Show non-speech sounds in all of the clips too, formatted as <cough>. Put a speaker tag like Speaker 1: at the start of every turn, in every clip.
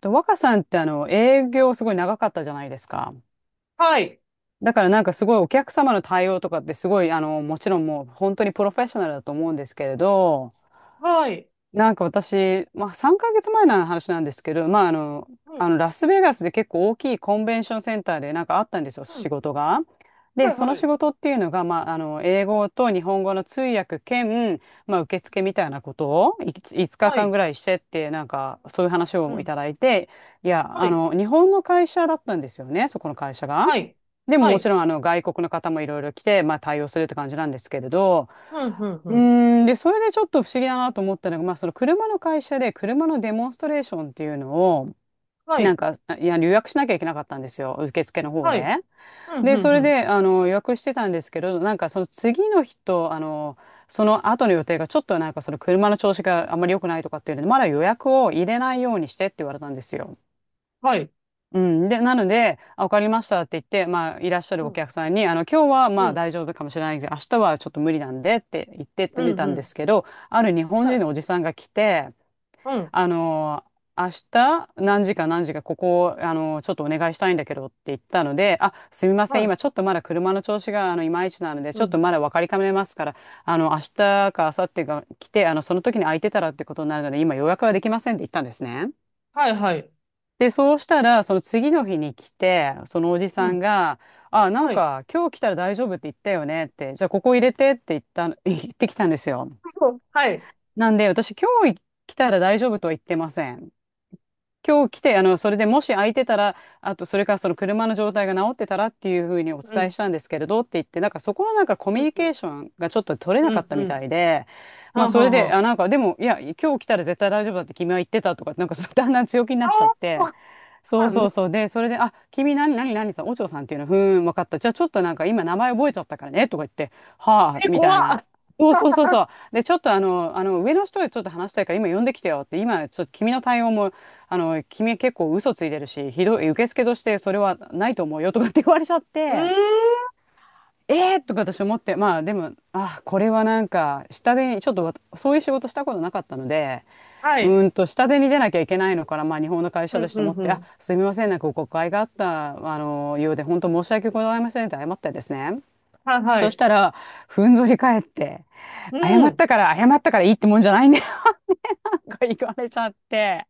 Speaker 1: と、若さんってあの、営業すごい長かったじゃないですか。
Speaker 2: はい。
Speaker 1: だからなんかすごいお客様の対応とかってすごい、あの、もちろんもう本当にプロフェッショナルだと思うんですけれど、
Speaker 2: はい。
Speaker 1: なんか私、まあ、3ヶ月前の話なんですけど、まあ、あの、
Speaker 2: う
Speaker 1: あ
Speaker 2: ん。
Speaker 1: のラスベガスで結構大きいコンベンションセンターでなんかあったんですよ、
Speaker 2: う
Speaker 1: 仕
Speaker 2: ん。
Speaker 1: 事が。
Speaker 2: は
Speaker 1: で、その仕
Speaker 2: い。
Speaker 1: 事っていうのが、まあ、あの英語と日本語の通訳兼、まあ、受付みたいなことをいつ5
Speaker 2: はい。は
Speaker 1: 日間
Speaker 2: い。
Speaker 1: ぐらいしてって、なんかそういう話
Speaker 2: う
Speaker 1: をい
Speaker 2: ん。
Speaker 1: ただいて、いや、
Speaker 2: は
Speaker 1: あ
Speaker 2: い。
Speaker 1: の日本の会社だったんですよね、そこの会社が。
Speaker 2: はい。
Speaker 1: でも
Speaker 2: は
Speaker 1: もち
Speaker 2: い。
Speaker 1: ろんあの外国の方もいろいろ来て、まあ、対応するって感じなんですけれど、
Speaker 2: うん。うん。う
Speaker 1: う
Speaker 2: ん。
Speaker 1: ーん、で、それでちょっと不思議だなと思ったのが、まあ、その車の会社で車のデモンストレーションっていうのを、
Speaker 2: は
Speaker 1: なん
Speaker 2: い。
Speaker 1: か、いや、予約しなきゃいけなかったんですよ、受付の方
Speaker 2: はい。
Speaker 1: で。
Speaker 2: うん。
Speaker 1: で、
Speaker 2: う
Speaker 1: そ
Speaker 2: ん。う
Speaker 1: れ
Speaker 2: ん。
Speaker 1: で、あの、予約してたんですけど、なんかその次の日と、あの、その後の予定がちょっとなんかその車の調子があんまり良くないとかっていうので、まだ予約を入れないようにしてって言われたんですよ。
Speaker 2: はい。
Speaker 1: うん、で、なので、あ、わかりましたって言って、まあ、いらっしゃ
Speaker 2: う
Speaker 1: るお
Speaker 2: ん。
Speaker 1: 客さんに、あの、今日は
Speaker 2: う
Speaker 1: まあ
Speaker 2: ん。
Speaker 1: 大丈夫かもしれないけど、明日はちょっと無理なんでって言ってっ
Speaker 2: う
Speaker 1: て寝
Speaker 2: ん。
Speaker 1: た
Speaker 2: う
Speaker 1: んで
Speaker 2: ん。
Speaker 1: すけど、ある日本
Speaker 2: は
Speaker 1: 人
Speaker 2: い。
Speaker 1: のおじさんが来て、
Speaker 2: うん。
Speaker 1: あの、明日何時かここ、あの、ちょっとお願いしたいんだけどって言ったので、あ、すみません、
Speaker 2: はい。
Speaker 1: 今ちょっとまだ車の調子があのいまいちなので、ち
Speaker 2: う
Speaker 1: ょっ
Speaker 2: ん。
Speaker 1: とまだ分かりかねますから、あの、明日か明後日が来て、あの、その時に空いてたらってことになるので、今予約はできませんって言ったんですね。
Speaker 2: はい。はい。
Speaker 1: で、そうしたら、その次の日に来て、そのおじ
Speaker 2: う
Speaker 1: さん
Speaker 2: ん。
Speaker 1: が、あ、なん
Speaker 2: はい。
Speaker 1: か、今日来たら大丈夫って言ったよねって、じゃあここ入れてって言った <laughs> 言ってきたんですよ。
Speaker 2: はい。
Speaker 1: なんで、私、今日来たら大丈夫とは言ってません。今日来て、あの、それでもし空いてたら、あと、それからその車の状態が治ってたらっていうふうにお
Speaker 2: う
Speaker 1: 伝え
Speaker 2: ん。
Speaker 1: したんですけれどって言って、なんかそこのなんかコ
Speaker 2: う
Speaker 1: ミュ
Speaker 2: ん。
Speaker 1: ニ
Speaker 2: う
Speaker 1: ケー
Speaker 2: ん。
Speaker 1: ションがちょっと取れな
Speaker 2: う
Speaker 1: かっ
Speaker 2: ん。
Speaker 1: た
Speaker 2: う
Speaker 1: みた
Speaker 2: ん。
Speaker 1: いで、
Speaker 2: は
Speaker 1: まあ
Speaker 2: あ
Speaker 1: そ
Speaker 2: は
Speaker 1: れ
Speaker 2: あ
Speaker 1: で、
Speaker 2: は
Speaker 1: あ、
Speaker 2: あ。
Speaker 1: なんかでも、いや、今日来たら絶対大丈夫だって君は言ってたとか、なんかそうだんだん強気になっちゃって、そ
Speaker 2: ああ、
Speaker 1: う
Speaker 2: う
Speaker 1: そ
Speaker 2: ん。
Speaker 1: うそう。で、それで、あ、君何さん、お嬢さんっていうの、ふーん、分かった。じゃあちょっとなんか今名前覚えちゃったからね、とか言って、はあ、
Speaker 2: え、
Speaker 1: みたい
Speaker 2: 怖
Speaker 1: な。
Speaker 2: っ。
Speaker 1: そうそうそうそう。で、ちょっとあの、あの、上の人でちょっと話したいから今呼んできてよって、今ちょっと君の対応もあの、君結構嘘ついてるし、ひどい、受付としてそれはないと思うよとかって言われちゃっ
Speaker 2: うーん。
Speaker 1: て、えーとか私思って、まあでも、あ、これはなんか、下手に、ちょっとそういう仕事したことなかったので、
Speaker 2: は
Speaker 1: う
Speaker 2: い。
Speaker 1: ーんと、下手に出なきゃいけないのから、まあ日本の会
Speaker 2: う
Speaker 1: 社だ
Speaker 2: ん。
Speaker 1: し
Speaker 2: う
Speaker 1: と思
Speaker 2: ん。
Speaker 1: っ
Speaker 2: う
Speaker 1: て、あ、
Speaker 2: ん。
Speaker 1: すみません、なんか誤解があった、あの、ようで、本当申し訳ございませんって謝ったんですね。
Speaker 2: はい。は
Speaker 1: そし
Speaker 2: い。
Speaker 1: たら、ふんぞり返って、
Speaker 2: う
Speaker 1: 謝っ
Speaker 2: ん。
Speaker 1: たから、謝ったからいいってもんじゃないね、<laughs> なんか言われちゃって。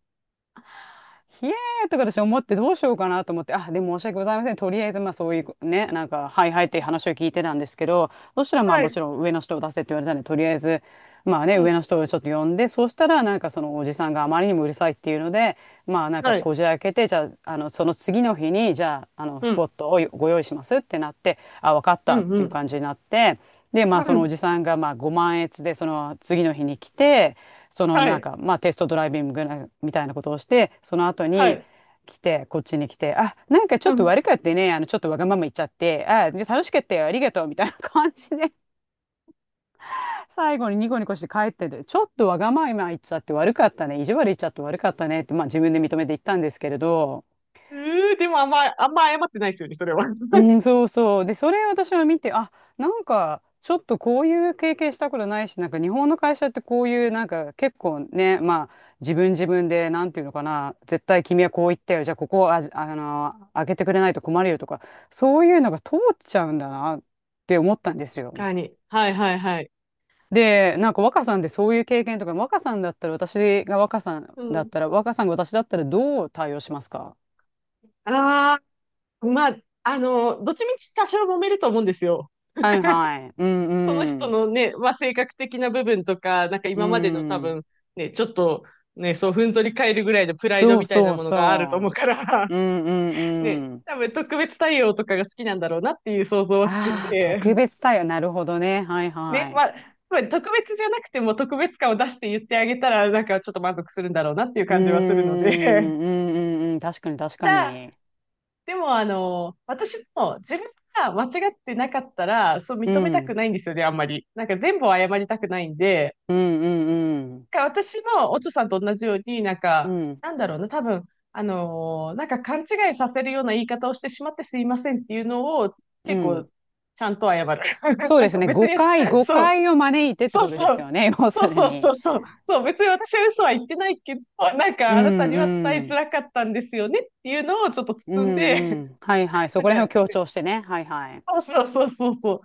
Speaker 1: ひえーとか私思ってどうしようかなと思って、あ、でも申し訳ございません。とりあえず、まあそういうね、なんか、はいはいって話を聞いてたんですけど、そしたらまあ
Speaker 2: は
Speaker 1: も
Speaker 2: い。
Speaker 1: ちろん上の人を出せって言われたんで、とりあえず、まあね、
Speaker 2: う
Speaker 1: 上
Speaker 2: ん。
Speaker 1: の人をちょっと呼んで、そうしたらなんかそのおじさんがあまりにもうるさいっていうので、まあなんか
Speaker 2: はい。
Speaker 1: こじ開けて、じゃあ、あの、その次の日に、じゃあ、あの、
Speaker 2: う
Speaker 1: ス
Speaker 2: ん。
Speaker 1: ポットをご用意しますってなって、あ、わかっ
Speaker 2: う
Speaker 1: たっ
Speaker 2: ん。う
Speaker 1: ていう
Speaker 2: ん。
Speaker 1: 感じになって、で、ま
Speaker 2: は
Speaker 1: あその
Speaker 2: い。
Speaker 1: おじさんがまあ5万円でその次の日に来て、その
Speaker 2: は
Speaker 1: なん
Speaker 2: い
Speaker 1: か、まあ、テストドライビングみたいなことをして、その後
Speaker 2: は
Speaker 1: に
Speaker 2: い。
Speaker 1: 来て、こっちに来て、あ、なんか
Speaker 2: <laughs>
Speaker 1: ち
Speaker 2: う
Speaker 1: ょっと
Speaker 2: ん。
Speaker 1: 悪かったね、あの、ちょっとわがまま言っちゃって、あ、楽しかったよ、ありがとう、みたいな感じで、<laughs> 最後にニコニコして帰ってて、ちょっとわがまま言っちゃって悪かったね、意地悪言っちゃって悪かったねって、まあ、自分で認めて言ったんですけれど、
Speaker 2: うー、でもあんま、あんま謝ってないですよね、それは。<laughs> 確
Speaker 1: うん、そうそう。で、それ私は見て、あ、なんか、ちょっとこういう経験したことないし、なんか日本の会社ってこういう、なんか結構ね、まあ、自分で、なんていうのかな、絶対君はこう言ったよ、じゃあここをあ、あの、開けてくれないと困るよとか、そういうのが通っちゃうんだなって思ったんですよ。
Speaker 2: かに。はいはいはい。
Speaker 1: で、なんか若さんでそういう経験とか、若さんだったら、私が若さん
Speaker 2: う
Speaker 1: だっ
Speaker 2: ん。
Speaker 1: たら、若さんが私だったらどう対応しますか。
Speaker 2: ああ、まあ、どっちみち多少揉めると思うんですよ。
Speaker 1: はいはい。うん
Speaker 2: その
Speaker 1: う
Speaker 2: 人
Speaker 1: ん。
Speaker 2: のね、まあ、性格的な部分とか、なんか
Speaker 1: う
Speaker 2: 今までの多
Speaker 1: ん。
Speaker 2: 分、ね、ちょっと、ね、そう、ふんぞり返るぐらいのプライド
Speaker 1: そう
Speaker 2: みたいな
Speaker 1: そう
Speaker 2: ものがあると思う
Speaker 1: そ
Speaker 2: から、
Speaker 1: う。うんう
Speaker 2: <laughs>
Speaker 1: ん
Speaker 2: ね、
Speaker 1: うん。
Speaker 2: 多分特別対応とかが好きなんだろうなっていう想像はつくん
Speaker 1: ああ、
Speaker 2: で、
Speaker 1: 特別対応。なるほどね。はい
Speaker 2: ね、
Speaker 1: はい。
Speaker 2: まあ、特別じゃなくても特別感を出して言ってあげたら、なんかちょっと満足するんだろうなっていう
Speaker 1: うーん、
Speaker 2: 感じはするので。
Speaker 1: うんうんうん。確かに確
Speaker 2: <laughs>
Speaker 1: か
Speaker 2: だ、
Speaker 1: に。
Speaker 2: でも私も自分が間違ってなかったら、そう
Speaker 1: う
Speaker 2: 認めたく
Speaker 1: ん、
Speaker 2: ないんですよね、あんまり。なんか全部を謝りたくないんで、
Speaker 1: うんうんうん。
Speaker 2: なんか私もおちょさんと同じように、なん
Speaker 1: う
Speaker 2: か、
Speaker 1: ん、
Speaker 2: なんだろうな、多分、なんか勘違いさせるような言い方をしてしまってすいませんっていうのを
Speaker 1: う
Speaker 2: 結構
Speaker 1: ん。
Speaker 2: ちゃんと謝る。<laughs>
Speaker 1: そう
Speaker 2: なん
Speaker 1: です
Speaker 2: か
Speaker 1: ね。
Speaker 2: 別
Speaker 1: 誤
Speaker 2: に、
Speaker 1: 解、誤
Speaker 2: そう、
Speaker 1: 解を招いてって
Speaker 2: そう
Speaker 1: ことで
Speaker 2: そ
Speaker 1: すよ
Speaker 2: う。
Speaker 1: ね。<laughs> 要
Speaker 2: そ
Speaker 1: す
Speaker 2: う
Speaker 1: る
Speaker 2: そう
Speaker 1: に。
Speaker 2: そうそう。そう、別に私は嘘は言ってないけど、なん
Speaker 1: う
Speaker 2: かあなた
Speaker 1: ん
Speaker 2: には伝
Speaker 1: う
Speaker 2: えづ
Speaker 1: ん。
Speaker 2: らかったんですよねっていうのをちょっと
Speaker 1: う
Speaker 2: 包ん
Speaker 1: ん
Speaker 2: で、
Speaker 1: うん。はいはい。
Speaker 2: <laughs>
Speaker 1: そ
Speaker 2: なん
Speaker 1: こ
Speaker 2: か、
Speaker 1: ら辺を強
Speaker 2: ね、
Speaker 1: 調してね。はいはい。
Speaker 2: そうそうそうそうそう。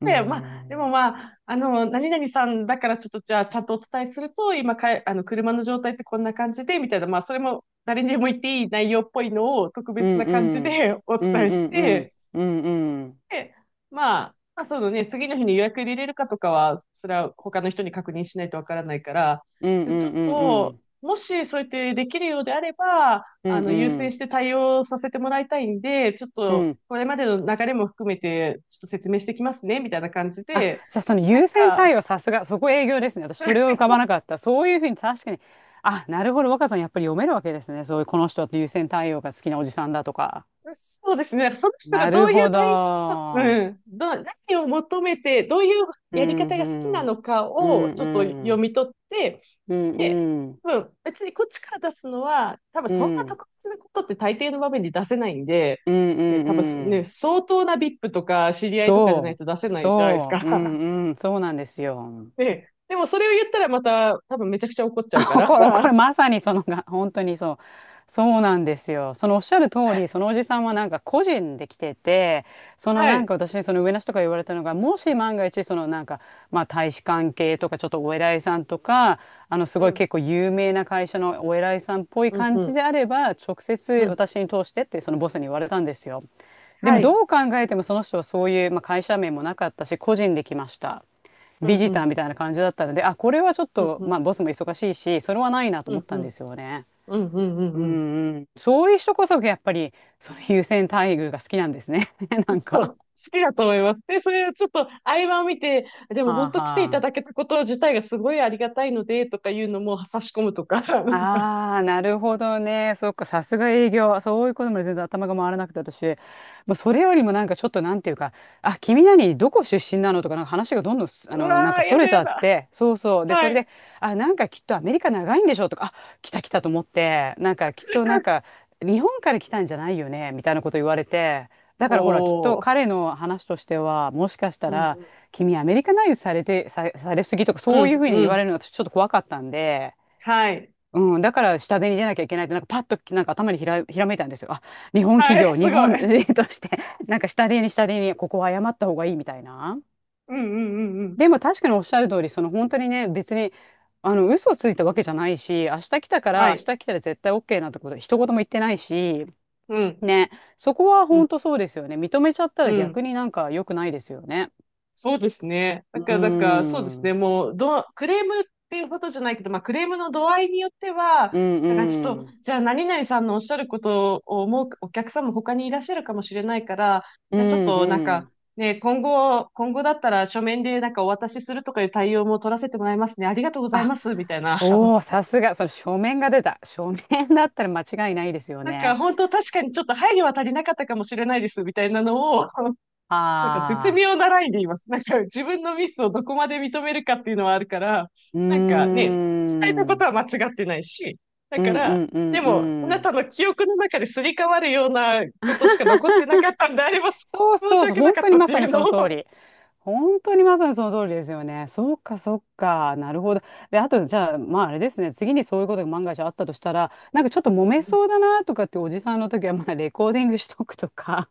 Speaker 1: う
Speaker 2: で、まあ、でも
Speaker 1: ん。
Speaker 2: まあ、何々さんだからちょっとじゃあちゃんとお伝えすると、今か、あの、車の状態ってこんな感じで、みたいな、まあ、それも誰にでも言っていい内容っぽいのを特
Speaker 1: う
Speaker 2: 別
Speaker 1: ん
Speaker 2: な感じ
Speaker 1: うん。
Speaker 2: で <laughs> お
Speaker 1: うん
Speaker 2: 伝え
Speaker 1: う
Speaker 2: し
Speaker 1: んうん。
Speaker 2: て、
Speaker 1: うんうん。
Speaker 2: で、まあ、まあ、そのね、次の日に予約入れれるかとかは、それは他の人に確認しないとわからないから、
Speaker 1: うん
Speaker 2: じゃ
Speaker 1: う
Speaker 2: あちょ
Speaker 1: ん
Speaker 2: っ
Speaker 1: うんう
Speaker 2: と、
Speaker 1: ん。
Speaker 2: もしそうやってできるようであれば、
Speaker 1: うん
Speaker 2: 優
Speaker 1: う
Speaker 2: 先し
Speaker 1: ん。
Speaker 2: て対応させてもらいたいんで、ちょっ
Speaker 1: う
Speaker 2: と、
Speaker 1: ん、
Speaker 2: これまでの流れも含めて、ちょっと説明してきますね、みたいな感じ
Speaker 1: あ、
Speaker 2: で、
Speaker 1: じゃあその
Speaker 2: なん
Speaker 1: 優先対
Speaker 2: か、
Speaker 1: 応さすが、そこ営業ですね。私それを浮
Speaker 2: <laughs>
Speaker 1: かばなかった。そういうふうに確かに、あ、なるほど、若さんやっぱり読めるわけですね。そういうこの人って優先対応が好きなおじさんだとか。
Speaker 2: そうですね、その人が
Speaker 1: な
Speaker 2: ど
Speaker 1: る
Speaker 2: ういう
Speaker 1: ほど。
Speaker 2: うん、何を求めて、どういう
Speaker 1: う
Speaker 2: やり
Speaker 1: ん、
Speaker 2: 方
Speaker 1: う
Speaker 2: が好きな
Speaker 1: ん。
Speaker 2: のか
Speaker 1: う
Speaker 2: を
Speaker 1: ん、
Speaker 2: ちょっと
Speaker 1: う
Speaker 2: 読
Speaker 1: ん。
Speaker 2: み取って、
Speaker 1: うん、
Speaker 2: で、
Speaker 1: うん。
Speaker 2: 多分、別にこっちから出すのは、多分
Speaker 1: う
Speaker 2: そんな
Speaker 1: ん、
Speaker 2: 特別なことって大抵の場面で出せないんで、
Speaker 1: うん、う
Speaker 2: ね、
Speaker 1: ん。
Speaker 2: 多分そ
Speaker 1: う
Speaker 2: ね、
Speaker 1: ん、
Speaker 2: 相当な VIP とか知り合いとかじゃない
Speaker 1: そ
Speaker 2: と出せ
Speaker 1: う、
Speaker 2: ないじゃないです
Speaker 1: そう、う
Speaker 2: か。
Speaker 1: ん、うん、そうなんですよ。
Speaker 2: <laughs> で、でもそれを言ったらまた多分めちゃくちゃ怒っちゃう
Speaker 1: <laughs>
Speaker 2: か
Speaker 1: そう、
Speaker 2: ら。
Speaker 1: これ、これ
Speaker 2: <laughs>
Speaker 1: まさにそのが、本当にそう。そうなんですよ。そのおっしゃる通り、そのおじさんはなんか個人で来てて、その
Speaker 2: は
Speaker 1: なん
Speaker 2: い。
Speaker 1: か私にその上の人から言われたのが、もし万が一そのなんか、まあ大使館系とかちょっとお偉いさんとか、あのす
Speaker 2: う
Speaker 1: ごい
Speaker 2: ん。
Speaker 1: 結構有名な会社のお偉いさんっぽい
Speaker 2: うん、う
Speaker 1: 感じ
Speaker 2: ん、
Speaker 1: であれば、直接
Speaker 2: うん。
Speaker 1: 私に通してってそのボスに言われたんですよ。で
Speaker 2: は
Speaker 1: も
Speaker 2: い。
Speaker 1: どう考えてもその人はそういう、まあ、会社名もなかったし、個人で来ました。
Speaker 2: う
Speaker 1: ビ
Speaker 2: ん、
Speaker 1: ジ
Speaker 2: う
Speaker 1: ター
Speaker 2: ん、
Speaker 1: みたいな感じだったので、あ、これはちょっ
Speaker 2: うん、
Speaker 1: と、
Speaker 2: う
Speaker 1: ま
Speaker 2: ん、
Speaker 1: あ、ボスも忙しいし、それはないなと
Speaker 2: う
Speaker 1: 思っ
Speaker 2: ん、
Speaker 1: た
Speaker 2: う
Speaker 1: んで
Speaker 2: ん、
Speaker 1: すよね。
Speaker 2: うん、うん、う
Speaker 1: うん
Speaker 2: ん。うん
Speaker 1: うん。そういう人こそ、やっぱり、その優先待遇が好きなんですね。<laughs> なん
Speaker 2: そう、
Speaker 1: か。
Speaker 2: 好きだと思います。で、それをちょっと合間を見て、でも
Speaker 1: は
Speaker 2: 本
Speaker 1: あ
Speaker 2: 当来てい
Speaker 1: は
Speaker 2: ただ
Speaker 1: あ。
Speaker 2: けたこと自体がすごいありがたいので、とかいうのも差し込むとか、<laughs>
Speaker 1: ああ、なるほどね。そっか、さすが営業。そういうことまで全然頭が回らなくて、私。もうそれよりもなんかちょっとなんていうか、あ、どこ出身なのとか、なんか話がどんどんす、
Speaker 2: う
Speaker 1: あの、なん
Speaker 2: わ
Speaker 1: か
Speaker 2: ー、
Speaker 1: そ
Speaker 2: やだ
Speaker 1: れち
Speaker 2: や
Speaker 1: ゃっ
Speaker 2: だ。
Speaker 1: て、そうそう。で、
Speaker 2: は
Speaker 1: それ
Speaker 2: い。
Speaker 1: で、あ、なんかきっとアメリカ長いんでしょとか、あ、来た来たと思って、なんかきっとなんか、
Speaker 2: <laughs>
Speaker 1: 日本から来たんじゃないよね、みたいなこと言われて、だからほら、きっと
Speaker 2: こ
Speaker 1: 彼の話としては、もしかした
Speaker 2: う、う
Speaker 1: ら、
Speaker 2: ん、
Speaker 1: 君アメリカナイズされて、されすぎとか、
Speaker 2: う
Speaker 1: そういう
Speaker 2: ん、
Speaker 1: ふうに
Speaker 2: う
Speaker 1: 言わ
Speaker 2: ん、
Speaker 1: れるのが私ちょっと怖かったんで、
Speaker 2: はい。
Speaker 1: うん、だから下手に出なきゃいけないって、なんかパッとなんか頭にひらめいたんですよ。あ、日本企
Speaker 2: はい、
Speaker 1: 業、
Speaker 2: す
Speaker 1: 日
Speaker 2: ご
Speaker 1: 本
Speaker 2: い。
Speaker 1: 人として、<laughs> なんか下手に下手に、ここは謝った方がいいみたいな。
Speaker 2: うん、うん、うん、うん。
Speaker 1: でも確かにおっしゃる通り、その本当にね、別に、あの、嘘ついたわけじゃないし、
Speaker 2: は
Speaker 1: 明
Speaker 2: い。
Speaker 1: 日来たら絶対 OK なんてこと、一言も言ってないし、
Speaker 2: うん、
Speaker 1: ね、そこは
Speaker 2: う
Speaker 1: 本
Speaker 2: ん、
Speaker 1: 当そうですよね。認めちゃった
Speaker 2: う
Speaker 1: ら
Speaker 2: ん。
Speaker 1: 逆になんか良くないですよね。
Speaker 2: そうですね。だ
Speaker 1: う
Speaker 2: か
Speaker 1: ー
Speaker 2: ら、だから、そうで
Speaker 1: ん、う
Speaker 2: すね。
Speaker 1: ん
Speaker 2: もう、クレームっていうことじゃないけど、まあ、クレームの度合いによっては、
Speaker 1: う
Speaker 2: だからちょっと、
Speaker 1: ん、
Speaker 2: じゃあ、何々さんのおっしゃることを思うお客さんも他にいらっしゃるかもしれないから、
Speaker 1: う
Speaker 2: じゃあ、ちょっ
Speaker 1: ん
Speaker 2: と、なん
Speaker 1: う
Speaker 2: か、
Speaker 1: ん。
Speaker 2: ね、今後だったら書面でなんかお渡しするとかいう対応も取らせてもらいますね。ありがとうござい
Speaker 1: あ
Speaker 2: ます、みたいな。<laughs>
Speaker 1: おお、さすが、その書面が出た。書面だったら間違いないですよ
Speaker 2: なんか、
Speaker 1: ね。
Speaker 2: 本当確かにちょっと配慮は足りなかったかもしれないです、みたいなのをなんか絶
Speaker 1: ああ、
Speaker 2: 妙なラインで言います。なんか自分のミスをどこまで認めるかっていうのはあるから、
Speaker 1: うー
Speaker 2: なんかね、伝えた
Speaker 1: ん。
Speaker 2: こ
Speaker 1: う
Speaker 2: と
Speaker 1: ん
Speaker 2: は間違ってないし、だ
Speaker 1: う
Speaker 2: か
Speaker 1: んう
Speaker 2: ら、
Speaker 1: ん
Speaker 2: で
Speaker 1: う
Speaker 2: も、あな
Speaker 1: ん。
Speaker 2: たの記憶の中ですり替わるようなことしか残ってなかったんであれば、
Speaker 1: そう
Speaker 2: 申し
Speaker 1: そうそう、
Speaker 2: 訳な
Speaker 1: 本
Speaker 2: かっ
Speaker 1: 当に
Speaker 2: たっ
Speaker 1: ま
Speaker 2: て
Speaker 1: さ
Speaker 2: いう
Speaker 1: にそ
Speaker 2: の
Speaker 1: の通
Speaker 2: を、
Speaker 1: り。本当にまさにその通りですよね。そうか、そうか。なるほど。で、あと、じゃあ、まあ、あれですね。次にそういうことが万が一あったとしたら、なんかちょっと揉
Speaker 2: う
Speaker 1: め
Speaker 2: ん
Speaker 1: そうだなとかっておじさんの時は、まあ、レコーディングしとくとか。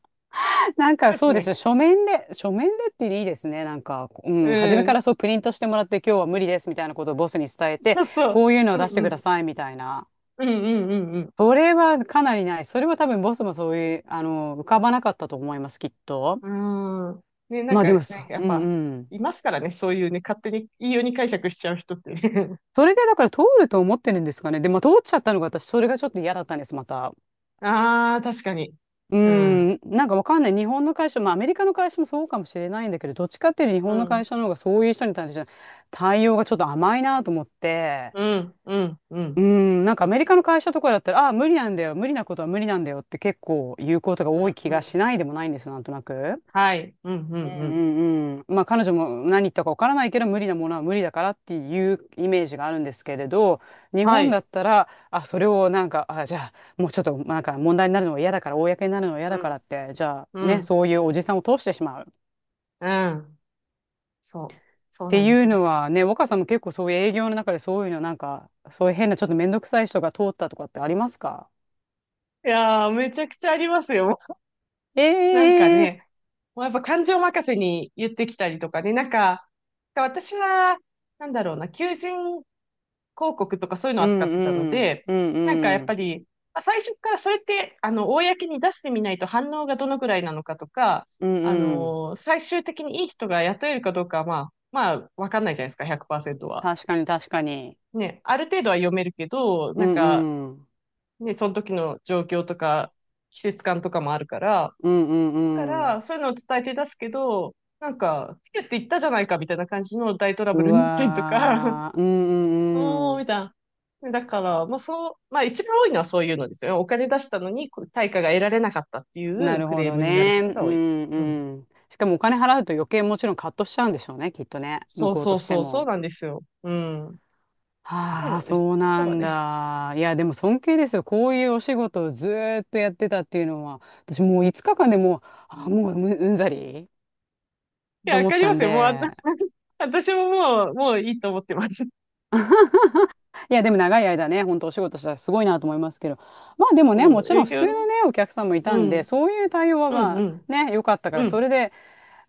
Speaker 1: なんか
Speaker 2: で
Speaker 1: そ
Speaker 2: す
Speaker 1: うですよ。
Speaker 2: ね。
Speaker 1: 書面でっていいですね。なんか、うん、初
Speaker 2: う
Speaker 1: めから
Speaker 2: ん。
Speaker 1: そうプリントしてもらって、今日は無理ですみたいなことをボスに伝えて、
Speaker 2: そうそ
Speaker 1: こういうのを
Speaker 2: う。うん
Speaker 1: 出してく
Speaker 2: う
Speaker 1: だ
Speaker 2: ん。
Speaker 1: さいみたいな。
Speaker 2: うんうんうん
Speaker 1: それはかなりない。それは多分ボスもそういう、あの、浮かばなかったと思います、きっと。
Speaker 2: うん。うーん。ね、なん
Speaker 1: まあ
Speaker 2: か、
Speaker 1: でもそ
Speaker 2: ね、や
Speaker 1: う、
Speaker 2: っ
Speaker 1: うん
Speaker 2: ぱ、
Speaker 1: うん。
Speaker 2: いますからね、そういうね、勝手に、いいように解釈しちゃう人ってね。
Speaker 1: それでだから通ると思ってるんですかね。で、まあ通っちゃったのが私、それがちょっと嫌だったんです、また。
Speaker 2: <laughs> ああ、確かに。
Speaker 1: う
Speaker 2: うん。
Speaker 1: ん、なんかわかんない。日本の会社、まあアメリカの会社もそうかもしれないんだけど、どっちかっていうと日
Speaker 2: う
Speaker 1: 本の
Speaker 2: ん、
Speaker 1: 会社の方がそういう人に対して対応がちょっと甘いなと思って、
Speaker 2: うん、うん、う
Speaker 1: う
Speaker 2: ん、
Speaker 1: ん、なんかアメリカの会社とかだったら、ああ、無理なんだよ、無理なことは無理なんだよって結構言うことが
Speaker 2: う
Speaker 1: 多い
Speaker 2: ん、
Speaker 1: 気
Speaker 2: う
Speaker 1: が
Speaker 2: ん。
Speaker 1: しないでもないんです、なんとなく。
Speaker 2: はい、うん、う
Speaker 1: う
Speaker 2: ん、う
Speaker 1: ん
Speaker 2: ん。
Speaker 1: うんうん。まあ彼女も何言ったかわからないけど無理なものは無理だからっていうイメージがあるんですけれど、日
Speaker 2: は
Speaker 1: 本だ
Speaker 2: い、
Speaker 1: ったら、あ、それをなんか、あ、じゃあもうちょっとなんか問題になるのは嫌だから、公になるのは嫌
Speaker 2: う
Speaker 1: だか
Speaker 2: ん、
Speaker 1: らって、じゃあ
Speaker 2: う
Speaker 1: ね、
Speaker 2: ん、
Speaker 1: そういうおじさんを通してしまう。
Speaker 2: うん。そう、
Speaker 1: っ
Speaker 2: そう
Speaker 1: て
Speaker 2: なんで
Speaker 1: い
Speaker 2: す
Speaker 1: う
Speaker 2: よ。
Speaker 1: のはね、若さんも結構そういう営業の中でそういうのなんか、そういう変なちょっと面倒くさい人が通ったとかってありますか？
Speaker 2: いやー、めちゃくちゃありますよ。なんか
Speaker 1: ええ
Speaker 2: ね、もうやっぱ感情任せに言ってきたりとかね、なんか、私は、なんだろうな、求人広告とかそういうの
Speaker 1: う
Speaker 2: を扱ってたの
Speaker 1: んうん、
Speaker 2: で、
Speaker 1: うん
Speaker 2: なんかや
Speaker 1: う
Speaker 2: っぱ
Speaker 1: ん、
Speaker 2: り、まあ最初からそれって、公に出してみないと反応がどのくらいなのかとか、
Speaker 1: うんうん。
Speaker 2: 最終的にいい人が雇えるかどうかは、まあ、わかんないじゃないですか、100%は。
Speaker 1: 確かに確かに。
Speaker 2: ね、ある程度は読めるけど、
Speaker 1: う
Speaker 2: なんか、
Speaker 1: んうん、
Speaker 2: ね、その時の状況とか、季節感とかもあるから、
Speaker 1: うんう
Speaker 2: だか
Speaker 1: んうん。
Speaker 2: ら、そういうのを伝えて出すけど、なんか、ピュって言ったじゃないかみたいな感じの大トラ
Speaker 1: う
Speaker 2: ブルになったりとか、<laughs>
Speaker 1: わー、うんうんう
Speaker 2: おー、み
Speaker 1: ん。
Speaker 2: たいな。だから、まあそう、まあ一番多いのはそういうのですよね。お金出したのにこう対価が得られなかったってい
Speaker 1: な
Speaker 2: う
Speaker 1: る
Speaker 2: ク
Speaker 1: ほ
Speaker 2: レー
Speaker 1: ど
Speaker 2: ムになる
Speaker 1: ね。
Speaker 2: ことが
Speaker 1: う
Speaker 2: 多い。
Speaker 1: ん
Speaker 2: うん。
Speaker 1: うん。しかもお金払うと余計もちろんカットしちゃうんでしょうね、きっとね。向
Speaker 2: そう
Speaker 1: こう
Speaker 2: そ
Speaker 1: と
Speaker 2: う
Speaker 1: して
Speaker 2: そう、そう
Speaker 1: も。
Speaker 2: なんですよ。うん。そう
Speaker 1: は
Speaker 2: な
Speaker 1: あ、
Speaker 2: んです。
Speaker 1: そう
Speaker 2: だ
Speaker 1: な
Speaker 2: から
Speaker 1: ん
Speaker 2: ね。
Speaker 1: だ。いや、でも尊敬ですよ。こういうお仕事をずーっとやってたっていうのは、私もう5日間でもう、うんざりっ
Speaker 2: い
Speaker 1: て
Speaker 2: や、わ
Speaker 1: 思っ
Speaker 2: かり
Speaker 1: た
Speaker 2: ま
Speaker 1: ん
Speaker 2: すよ。もう、あんな
Speaker 1: で。
Speaker 2: <laughs> 私ももう、もういいと思ってます。
Speaker 1: いや、でも長い間ね、本当お仕事したらすごいなと思いますけど。まあでもね、
Speaker 2: そ
Speaker 1: も
Speaker 2: う、
Speaker 1: ちろん
Speaker 2: 営
Speaker 1: 普
Speaker 2: 業
Speaker 1: 通の
Speaker 2: の。
Speaker 1: ね、お客さんもい
Speaker 2: う
Speaker 1: たんで、
Speaker 2: ん。
Speaker 1: そういう対応は
Speaker 2: うん、
Speaker 1: ま
Speaker 2: う
Speaker 1: あ
Speaker 2: ん、
Speaker 1: ね、良かったか
Speaker 2: う
Speaker 1: ら、それ
Speaker 2: ん。
Speaker 1: で、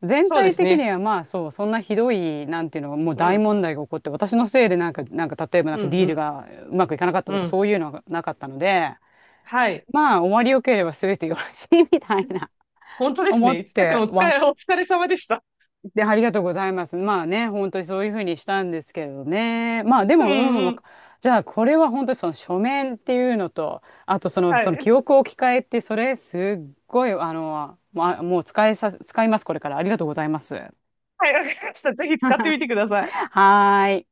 Speaker 1: 全
Speaker 2: そうで
Speaker 1: 体
Speaker 2: す
Speaker 1: 的に
Speaker 2: ね。
Speaker 1: はまあそう、そんなひどい、なんていうの、もう
Speaker 2: う
Speaker 1: 大
Speaker 2: ん、
Speaker 1: 問題が起こって、私のせいでなんか、なんか例えばな
Speaker 2: う
Speaker 1: ん
Speaker 2: ん、
Speaker 1: かディ
Speaker 2: う
Speaker 1: ール
Speaker 2: ん、
Speaker 1: がうまくいかなかった
Speaker 2: う
Speaker 1: とか
Speaker 2: ん。
Speaker 1: そういうのはなかったので、
Speaker 2: はい。
Speaker 1: まあ終わりよければ全てよろしいみたいな
Speaker 2: 本当です
Speaker 1: 思っ
Speaker 2: ね。5日間
Speaker 1: て
Speaker 2: お疲
Speaker 1: わ
Speaker 2: れ、お
Speaker 1: す、
Speaker 2: 疲れ様でした。
Speaker 1: で、ありがとうございます。まあね、本当にそういうふうにしたんですけどね。まあで
Speaker 2: うん、
Speaker 1: も、うん、
Speaker 2: うん。
Speaker 1: じゃあこれは本当にその書面っていうのと、あとその、
Speaker 2: は
Speaker 1: その
Speaker 2: い。
Speaker 1: 記憶を置き換えって、それすっごい、あの、まあ、もう使います、これから。ありがとうございます。<laughs>
Speaker 2: はい、わかりました。ぜひ使ってみてください。
Speaker 1: はーい。